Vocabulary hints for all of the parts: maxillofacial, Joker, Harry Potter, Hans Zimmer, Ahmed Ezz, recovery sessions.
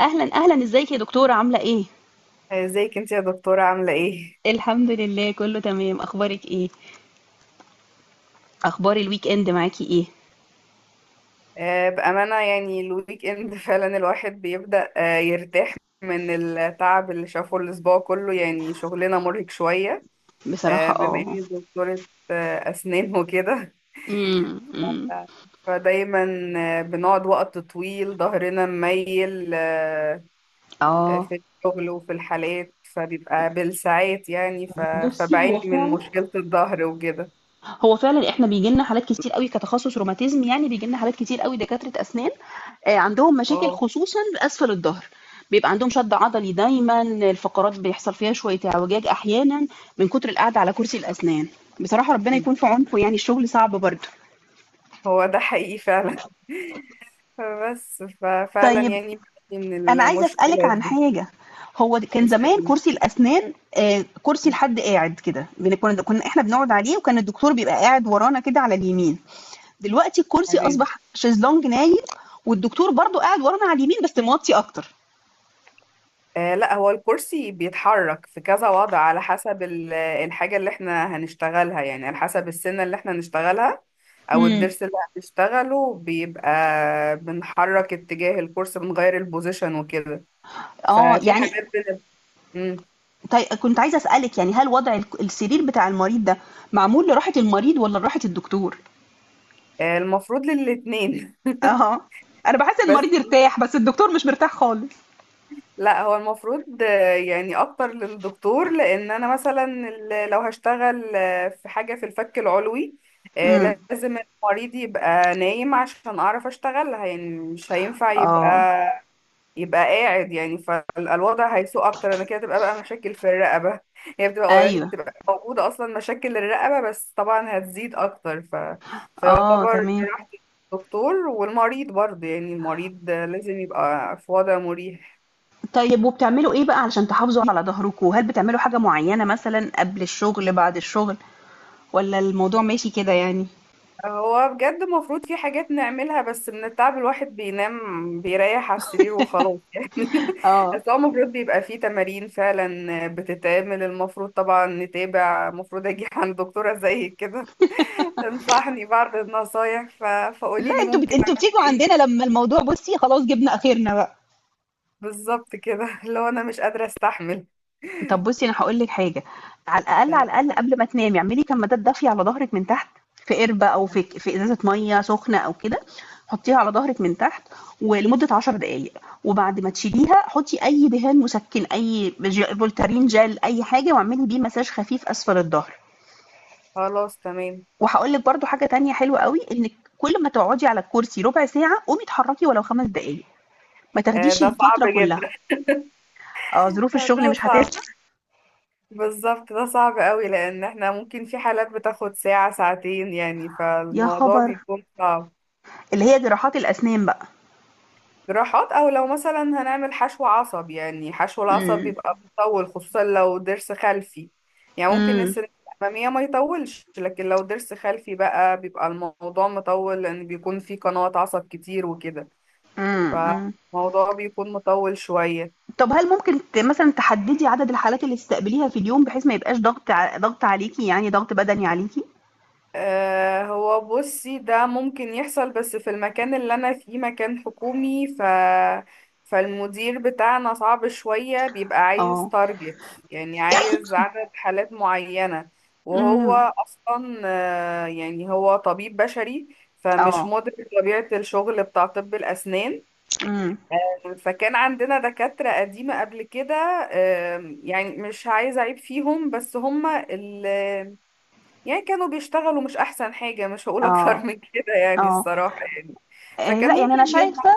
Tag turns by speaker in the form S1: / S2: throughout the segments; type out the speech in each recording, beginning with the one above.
S1: اهلا اهلا، ازيك يا دكتورة؟ عاملة ايه؟
S2: ازيك انت يا دكتورة عاملة ايه؟
S1: الحمد لله، كله تمام. اخبارك ايه؟ اخبار الويك اند معاكي ايه؟
S2: بأمانة يعني الويك اند فعلا الواحد بيبدأ يرتاح من التعب اللي شافه الأسبوع كله. يعني شغلنا مرهق شوية،
S1: بصراحة
S2: بما اني دكتورة أسنان وكده.
S1: أمم.
S2: ف- فدايما بنقعد وقت طويل، ظهرنا مميل
S1: اه
S2: في الشغل وفي الحالات، فبيبقى بالساعات يعني.
S1: بصي، هو
S2: فبعاني من
S1: فعلا.
S2: مشكلة الظهر وكده.
S1: احنا بيجي لنا حالات كتير قوي كتخصص روماتيزم، يعني بيجي لنا حالات كتير قوي دكاترة اسنان، عندهم مشاكل
S2: اه،
S1: خصوصا باسفل الظهر. بيبقى عندهم شد عضلي دايما، الفقرات بيحصل فيها شوية اعوجاج احيانا من كتر القعدة على كرسي الاسنان. بصراحة ربنا يكون في عونكم، يعني الشغل صعب برضه.
S2: هو ده حقيقي فعلا. فبس ففعلا
S1: طيب،
S2: يعني بتعاني من
S1: أنا عايزة أسألِك
S2: المشكلة
S1: عن
S2: دي.
S1: حاجة. هو كان زمان
S2: اسألني.
S1: كرسي الأسنان، كرسي لحد قاعد كده، كنا إحنا بنقعد عليه، وكان الدكتور بيبقى قاعد ورانا كده على اليمين. دلوقتي الكرسي
S2: تمام.
S1: أصبح شيزلونج نايم، والدكتور برضه قاعد ورانا على اليمين بس موطي أكتر.
S2: آه، لا، هو الكرسي بيتحرك في كذا وضع، على حسب الحاجة اللي احنا هنشتغلها، يعني على حسب السنة اللي احنا هنشتغلها أو
S1: إمم.
S2: الضرس اللي هنشتغله. بيبقى بنحرك اتجاه الكرسي، بنغير البوزيشن وكده.
S1: آه،
S2: ففي
S1: يعني
S2: حاجات بن... مم.
S1: كنت عايزة أسألِك، يعني هل وضع السرير بتاع المريض ده معمول لراحة المريض والّا لراحة الدكتور؟
S2: آه، المفروض للاتنين.
S1: أها، أنا باحس إن المريض
S2: بس
S1: ارتاح بس الدكتور مش مرتاح خالص.
S2: لا، هو المفروض يعني اكتر للدكتور، لان انا مثلا لو هشتغل في حاجه في الفك العلوي
S1: إمم،
S2: لازم المريض يبقى نايم عشان اعرف اشتغلها. يعني مش هينفع يبقى
S1: آه،
S2: قاعد يعني، فالوضع هيسوء اكتر. انا كده تبقى بقى مشاكل في الرقبه، هي بتبقى
S1: أيوه،
S2: بتبقى موجوده اصلا مشاكل الرقبه، بس طبعا هتزيد اكتر.
S1: آه،
S2: فيعتبر
S1: تمام.
S2: راحه الدكتور والمريض برضه. يعني المريض لازم يبقى في وضع مريح.
S1: طيب، وبتعملوا إيه بقى علشان تحافظوا على ضهركم؟ هل بتعملوا حاجة معيّنة مثلًا قبل الشغل، بعد الشغل، والّا الموضوع ماشي كده يعني؟
S2: هو بجد المفروض في حاجات نعملها، بس من التعب الواحد بينام بيريح على السرير وخلاص يعني.
S1: آه. آه.
S2: بس هو المفروض بيبقى فيه تمارين فعلا بتتعمل، المفروض طبعا نتابع، المفروض اجي عند دكتورة زي كده تنصحني بعض النصايح.
S1: لا،
S2: فقولي لي ممكن
S1: أنتم
S2: اعمل
S1: بتيجوا
S2: ايه.
S1: عندنا لمّا الموضوع بُصّي خلاص جِبنا آخرنا بقى.
S2: بالظبط كده، لو انا مش قادرة استحمل.
S1: طب بُصّي، أنا هاقول لِك حاجة. على الأقل،
S2: تمام.
S1: على الأقل قبل ما تنامي اعملي كمادات دافية على ضهرِك من تحت، في قِربة أو في إزازة مَيّة سخنة أو كده، حطّيها على ضهرِك من تحت ولمدة 10 دقايق، وبعد ما تشيليها حطّي أي دهان مسكِّن، أي ج فولتارين جل، أي حاجة واعملي بيه مساج خفيف أسفل الضهر.
S2: خلاص تمام.
S1: وهاقول لِك برضه حاجة تانية حلوة أوي، إنِّك كل ما تقعدي على الكرسي ربع ساعة قومي اتحرّكي ولو 5 دقايق، ما تاخديش
S2: ده صعب
S1: الفترة كلّها.
S2: جدا.
S1: ظروف الشغل
S2: ده
S1: مش
S2: صعب،
S1: هتسمح.
S2: بالظبط، ده صعب قوي، لان احنا ممكن في حالات بتاخد ساعة ساعتين يعني،
S1: يا
S2: فالموضوع
S1: خبر!
S2: بيكون صعب.
S1: اللي هي جmonراحات الأسنان بقى.
S2: جراحات، او لو مثلا هنعمل حشو عصب، يعني حشو العصب
S1: إمم.
S2: بيبقى بيطول خصوصا لو ضرس خلفي. يعني ممكن
S1: إمم.
S2: السنة الأمامية ما يطولش، لكن لو ضرس خلفي بقى بيبقى الموضوع مطول، لان بيكون في قنوات عصب كتير وكده،
S1: إمم، إمم.
S2: فالموضوع بيكون مطول شوية.
S1: طب هل ممكن مثلًا تحدّدي عدد الحالات اللي تستقبليها في اليوم بحيث ما يبقاش ضغط عليكِ، يعني ضغط بدني عليكِ؟
S2: هو بصي ده ممكن يحصل، بس في المكان اللي انا فيه مكان حكومي، فالمدير بتاعنا صعب شوية، بيبقى عايز
S1: آه.
S2: تارجت، يعني عايز عدد حالات معينة.
S1: إمم.
S2: وهو أصلا يعني هو طبيب بشري، فمش
S1: آه.
S2: مدرك طبيعة الشغل بتاع طب الأسنان.
S1: إمم.
S2: فكان عندنا دكاترة قديمة قبل كده، يعني مش عايزة أعيب فيهم، بس هما اللي يعني كانوا بيشتغلوا مش احسن حاجة، مش هقول
S1: آه.
S2: اكتر من كده يعني،
S1: آه.
S2: الصراحة يعني. فكان
S1: لأ، يعني
S2: ممكن
S1: أنا
S2: يبقى.
S1: شايفة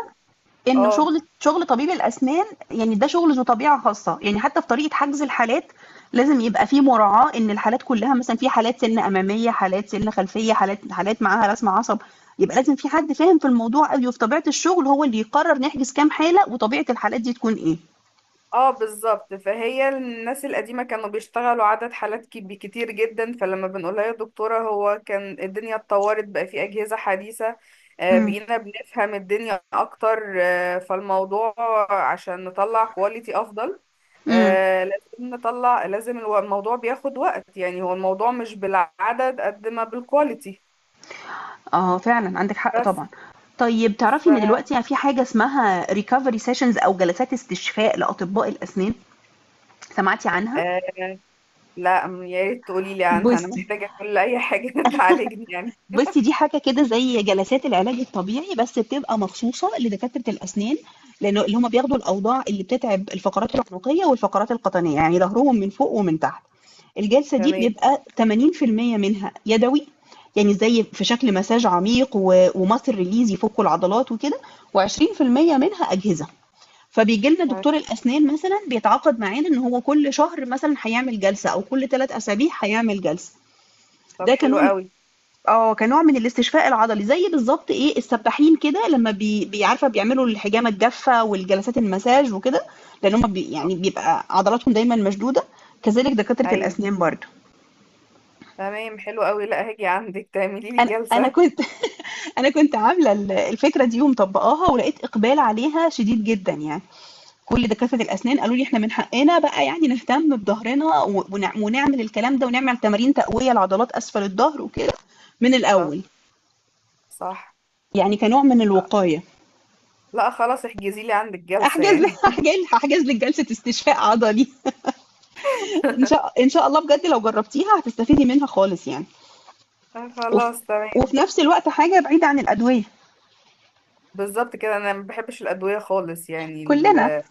S1: إنه
S2: اه،
S1: شغل طبيب الأسنان، يعني ده شغل ذو طبيعة خاصة يعني حتى في طريقة حجز الحالات، لازم يبقى في مراعاة إن الحالات كلها مثلا في حالات سن أمامية، حالات سن خلفية، حالات معاها رسم عصب، يبقى لازم في حد فاهم في الموضوع قوي وفي طبيعة الشغل هو اللي يقرر نحجز كام حالة وطبيعة الحالات دي تكون إيه.
S2: اه بالظبط. فهي الناس القديمة كانوا بيشتغلوا عدد حالات كتير جدا، فلما بنقولها يا دكتورة هو كان الدنيا اتطورت بقى، في أجهزة حديثة،
S1: امم.
S2: بقينا بنفهم الدنيا أكتر. فالموضوع عشان نطلع كواليتي أفضل،
S1: امم.
S2: لازم نطلع، لازم الموضوع بياخد وقت يعني. هو الموضوع مش بالعدد قد ما بالكواليتي.
S1: اه، فعلا عندك حق
S2: بس
S1: طبعا. طيب،
S2: ف
S1: تعرفي ان دلوقتي في حاجة اسمها ريكفري سيشنز او جلسات استشفاء لأطباء الأسنان؟ سمعتي عنها؟
S2: آه، لا م- يا ريت تقولي لي عنها، انا
S1: بصي
S2: محتاجه كل اي حاجه تعالجني يعني.
S1: بُصي، دي حاجة كده زي جلسات العلاج الطبيعي، بس بتبقى مخصوصة لدكاترة الأسنان، لأنه اللي هم بياخدوا الأوضاع اللي بتتعب الفقرات العنقية والفقرات القطنية، يعني ضهرهم من فوق ومن تحت. الجلسة دي
S2: تمام.
S1: بيبقى 80% منها يدوي، يعني زي في شكل مساج عميق و وmuscle release يفكوا العضلات وكده، و20% منها أجهزة. فبييجي لنا دكتور الأسنان مثلًا بيتعاقد معانا إن هو كل شهر مثلًا هيعمل جلسة أو كل 3 أسابيع هيعمل جلسة.
S2: طب
S1: ده
S2: حلو قوي.
S1: كنوع من الاستشفاء العضلي، زي بالضبط إيه، السباحين كده لمّا بي بي عارفة بيعملوا الحجامة الجافة والجلسات المساج وكده، لإن هُم يعني بيبقى عضلاتهم دايمًا مشدودة، كذلك دكاترة
S2: ايوه،
S1: الأسنان برضه.
S2: تمام، حلو قوي. لا، هاجي عندك تعملي لي
S1: أنا
S2: جلسه.
S1: كنت أنا كنت عاملة الفكرة دي ومطبّقاها ولقيت إقبال عليها شديد جدًا يعني، كل دكاترة الأسنان قالوا لي: "إحنا من حقنا بقى يعني نهتم بضهرنا و ون ونعمل الكلام ده ونعمل تمارين تقوية لعضلات أسفل الضهر وكده من
S2: بالظبط.
S1: الأول."
S2: صح.
S1: يعني كنوع من الوقاية.
S2: لا خلاص، احجزي لي عندك جلسه
S1: احجز لي
S2: يعني.
S1: هاحجز لِك جلسة استشفاء عضلي. إن شاء الله، بجد لو جرّبتيها هتستفيدي منها خالص يعني، وف
S2: خلاص
S1: وفي
S2: تمام.
S1: نفس الوقت حاجة بعيدة عن الأدوية.
S2: بالظبط كده، انا ما بحبش الادويه خالص يعني.
S1: كلّنا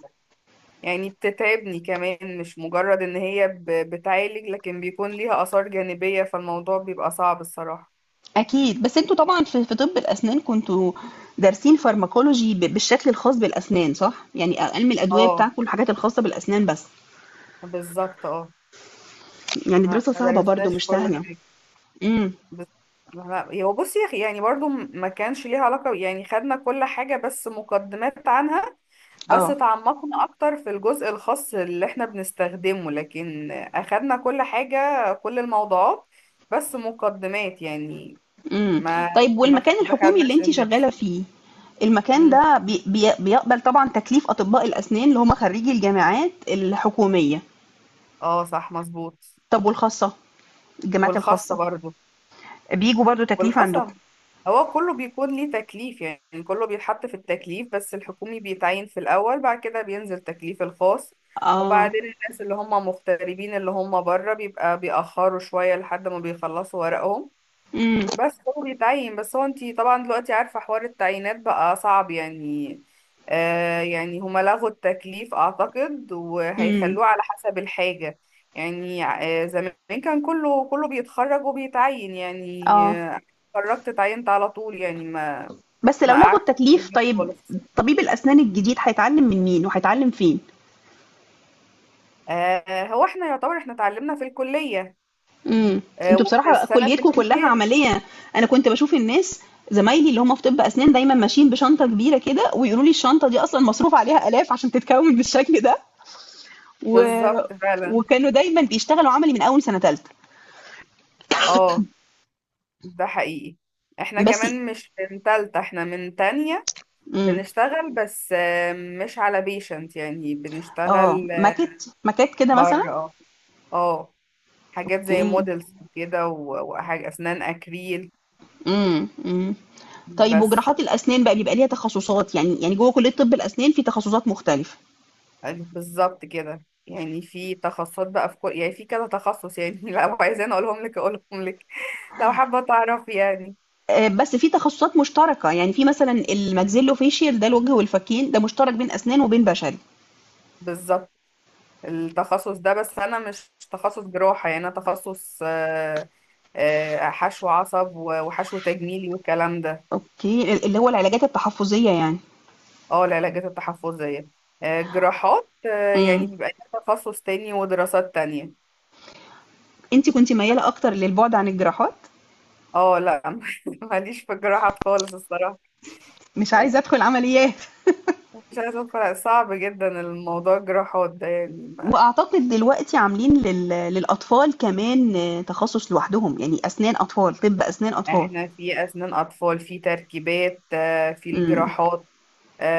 S2: يعني بتتعبني كمان، مش مجرد ان هي ب... بتعالج، لكن بيكون ليها اثار جانبيه، فالموضوع بيبقى صعب الصراحه.
S1: أكيد، بس أنتم طبعًا في طِب الأسنان كنتم دارسين pharmacology بالشكل الخاص بالأسنان، صح؟ يعني عِلم الأدوية
S2: اه،
S1: بتاعكم الحاجات الخاصة بالأسنان بس،
S2: بالظبط اه.
S1: يعني
S2: ما
S1: دراسة صعبة برضه
S2: درسناش
S1: مش
S2: كل
S1: سهلة.
S2: حاجة.
S1: إمم،
S2: بس ما- هو بصي يا أخي، يعني برضو ما كانش ليها علاقة يعني، خدنا كل حاجة بس مقدمات عنها، بس
S1: آه.
S2: تعمقنا أكتر في الجزء الخاص اللي احنا بنستخدمه، لكن أخدنا كل حاجة، كل الموضوعات بس مقدمات يعني.
S1: إمم.
S2: ما
S1: طيب، والمكان
S2: ما
S1: الحكومي اللي
S2: دخلناش
S1: أنتِ
S2: اندبس.
S1: شغّالة فيه، المكان ده بي بي بيقبل طبعًا تكليف أطباء الأسنان اللي هم خرّيجي الجامعات الحكومية،
S2: اه، صح، مظبوط.
S1: طب والخاصة؟ الجامعات
S2: والخاصة
S1: الخاصة،
S2: برضو.
S1: بييجوا برضه تكليف عندكم؟
S2: والخصم هو كله بيكون ليه تكليف يعني، كله بيتحط في التكليف، بس الحكومي بيتعين في الأول، بعد كده بينزل تكليف الخاص،
S1: آه،
S2: وبعدين الناس اللي هم مغتربين اللي هم بره بيبقى بيأخروا شوية لحد ما بيخلصوا ورقهم.
S1: إمم،
S2: بس هو بيتعين. بس هو انتي طبعا دلوقتي عارفة حوار التعيينات بقى صعب يعني. آه، يعني هما لغوا التكليف اعتقد،
S1: إمم،
S2: وهيخلوه على حسب الحاجة. يعني آه، زمان كان كله بيتخرج وبيتعين يعني.
S1: آه.
S2: آه، اتخرجت اتعينت على طول يعني،
S1: بس
S2: ما
S1: لو لغوا
S2: قعدت في
S1: التكليف،
S2: البيت
S1: طيب
S2: خالص.
S1: طبيب الأسنان الجديد هيتعلّم من مين وهيتعلّم فين؟
S2: آه، هو احنا يعتبر احنا اتعلمنا في الكلية،
S1: إمم. أنتم
S2: وفي
S1: بصراحة
S2: السنة في
S1: كُلّيتكم كلّها
S2: الامتياز.
S1: عملية. أنا كنت باشوف الناس، زمايلي اللي هم في طِب أسنان، دايمًا ماشيين بشنطة كبيرة كده ويقولوا لي الشنطة دي أصلًا مصروف عليها آلاف عشان تتكوِّن بالشكل ده و
S2: بالظبط فعلا.
S1: وكانوا دايمًا بيشتغلوا عملي من أول سَنة تالتة.
S2: اه، ده حقيقي. احنا
S1: بس
S2: كمان مش من تالتة، احنا من تانية
S1: إمم.
S2: بنشتغل، بس مش على بيشنت، يعني
S1: آه.
S2: بنشتغل
S1: ماكات كده مثلًا؟
S2: بره. اه. اه، حاجات زي
S1: أوكي.
S2: مودلز وكده، وحاجة أسنان أكريل
S1: إمم، إمم. طيب،
S2: بس.
S1: وج梢ات الأسنان بقى بيبقى ليها تخصُّصات، يعني جوّه كُلّية طِب الأسنان في تخصُّصات مختلفة.
S2: بالظبط كده. يعني في تخصصات بقى، في كل يعني في كذا تخصص يعني، لو عايزين أقولهم لك، لو حابة تعرف يعني.
S1: بس في تخصصات مشتركة، يعني في مثلا الماكسيلوفيشيال ده الوجه والفكين، ده مشترك بين أسنان وبين بشري.
S2: بالظبط. التخصص ده، بس أنا مش تخصص جراحة، يعني أنا تخصص حشو عصب وحشو تجميلي والكلام ده.
S1: اوكي، اللي هو العلاجات التحفظية يعني.
S2: اه، العلاج التحفظية. جراحات، يعني
S1: امم.
S2: بيبقى ليها تخصص تاني ودراسات تانية.
S1: انت كنت ميالة اكتر للبعد عن الجراحات،
S2: اه، لا، ماليش في الجراحات خالص الصراحة.
S1: مش عايزة ادخل عمليات.
S2: مش عايزة ادخل، صعب جدا الموضوع الجراحات ده يعني.
S1: واعتقد دلوقتي عاملين للاطفال كمان تخصص لوحدهم، يعني اسنان اطفال، طب اسنان اطفال.
S2: احنا في اسنان اطفال، في تركيبات، في
S1: امم.
S2: الجراحات،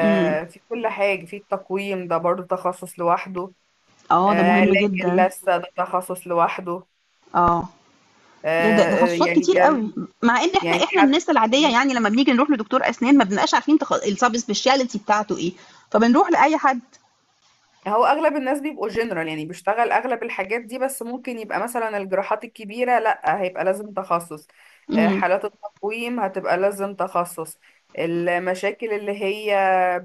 S1: امم.
S2: في كل حاجة. في التقويم ده برضو تخصص لوحده.
S1: اه، ده مهم
S2: علاج
S1: جدا.
S2: اللثة ده تخصص لوحده.
S1: اه. يا ده ده تخصصات
S2: يعني
S1: كتير قوي،
S2: كم.
S1: مع ان احنا
S2: يعني حتى
S1: الناس العاديه يعني لما بنيجي نروح لدكتور اسنان ما بنبقاش عارفين سبيشاليتي بتاعته ايه، فبنروح لاي حد.
S2: هو اغلب الناس بيبقوا جنرال، يعني بيشتغل اغلب الحاجات دي، بس ممكن يبقى مثلا الجراحات الكبيرة لا، هيبقى لازم تخصص.
S1: امم.
S2: حالات التقويم هتبقى لازم تخصص. المشاكل اللي هي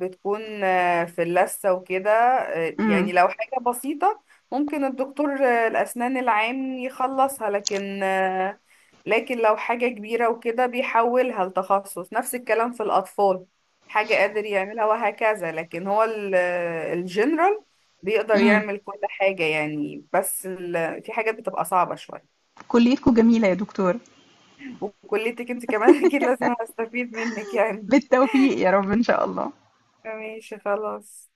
S2: بتكون في اللثة وكده يعني
S1: امم.
S2: لو حاجة بسيطة، ممكن الدكتور الأسنان العام يخلصها، لكن لو حاجة كبيرة وكده بيحولها لتخصص. نفس الكلام في الأطفال، حاجة قادر يعملها وهكذا. لكن هو الجنرال بيقدر
S1: امم.
S2: يعمل كل حاجة يعني، بس في حاجات بتبقى صعبة شوية.
S1: كليتكم جميله يا دكتور.
S2: وكليتك انت كمان اكيد لازم استفيد منك يعني.
S1: بالتوفيق يا رب ان شاء الله.
S2: ماشي خلاص.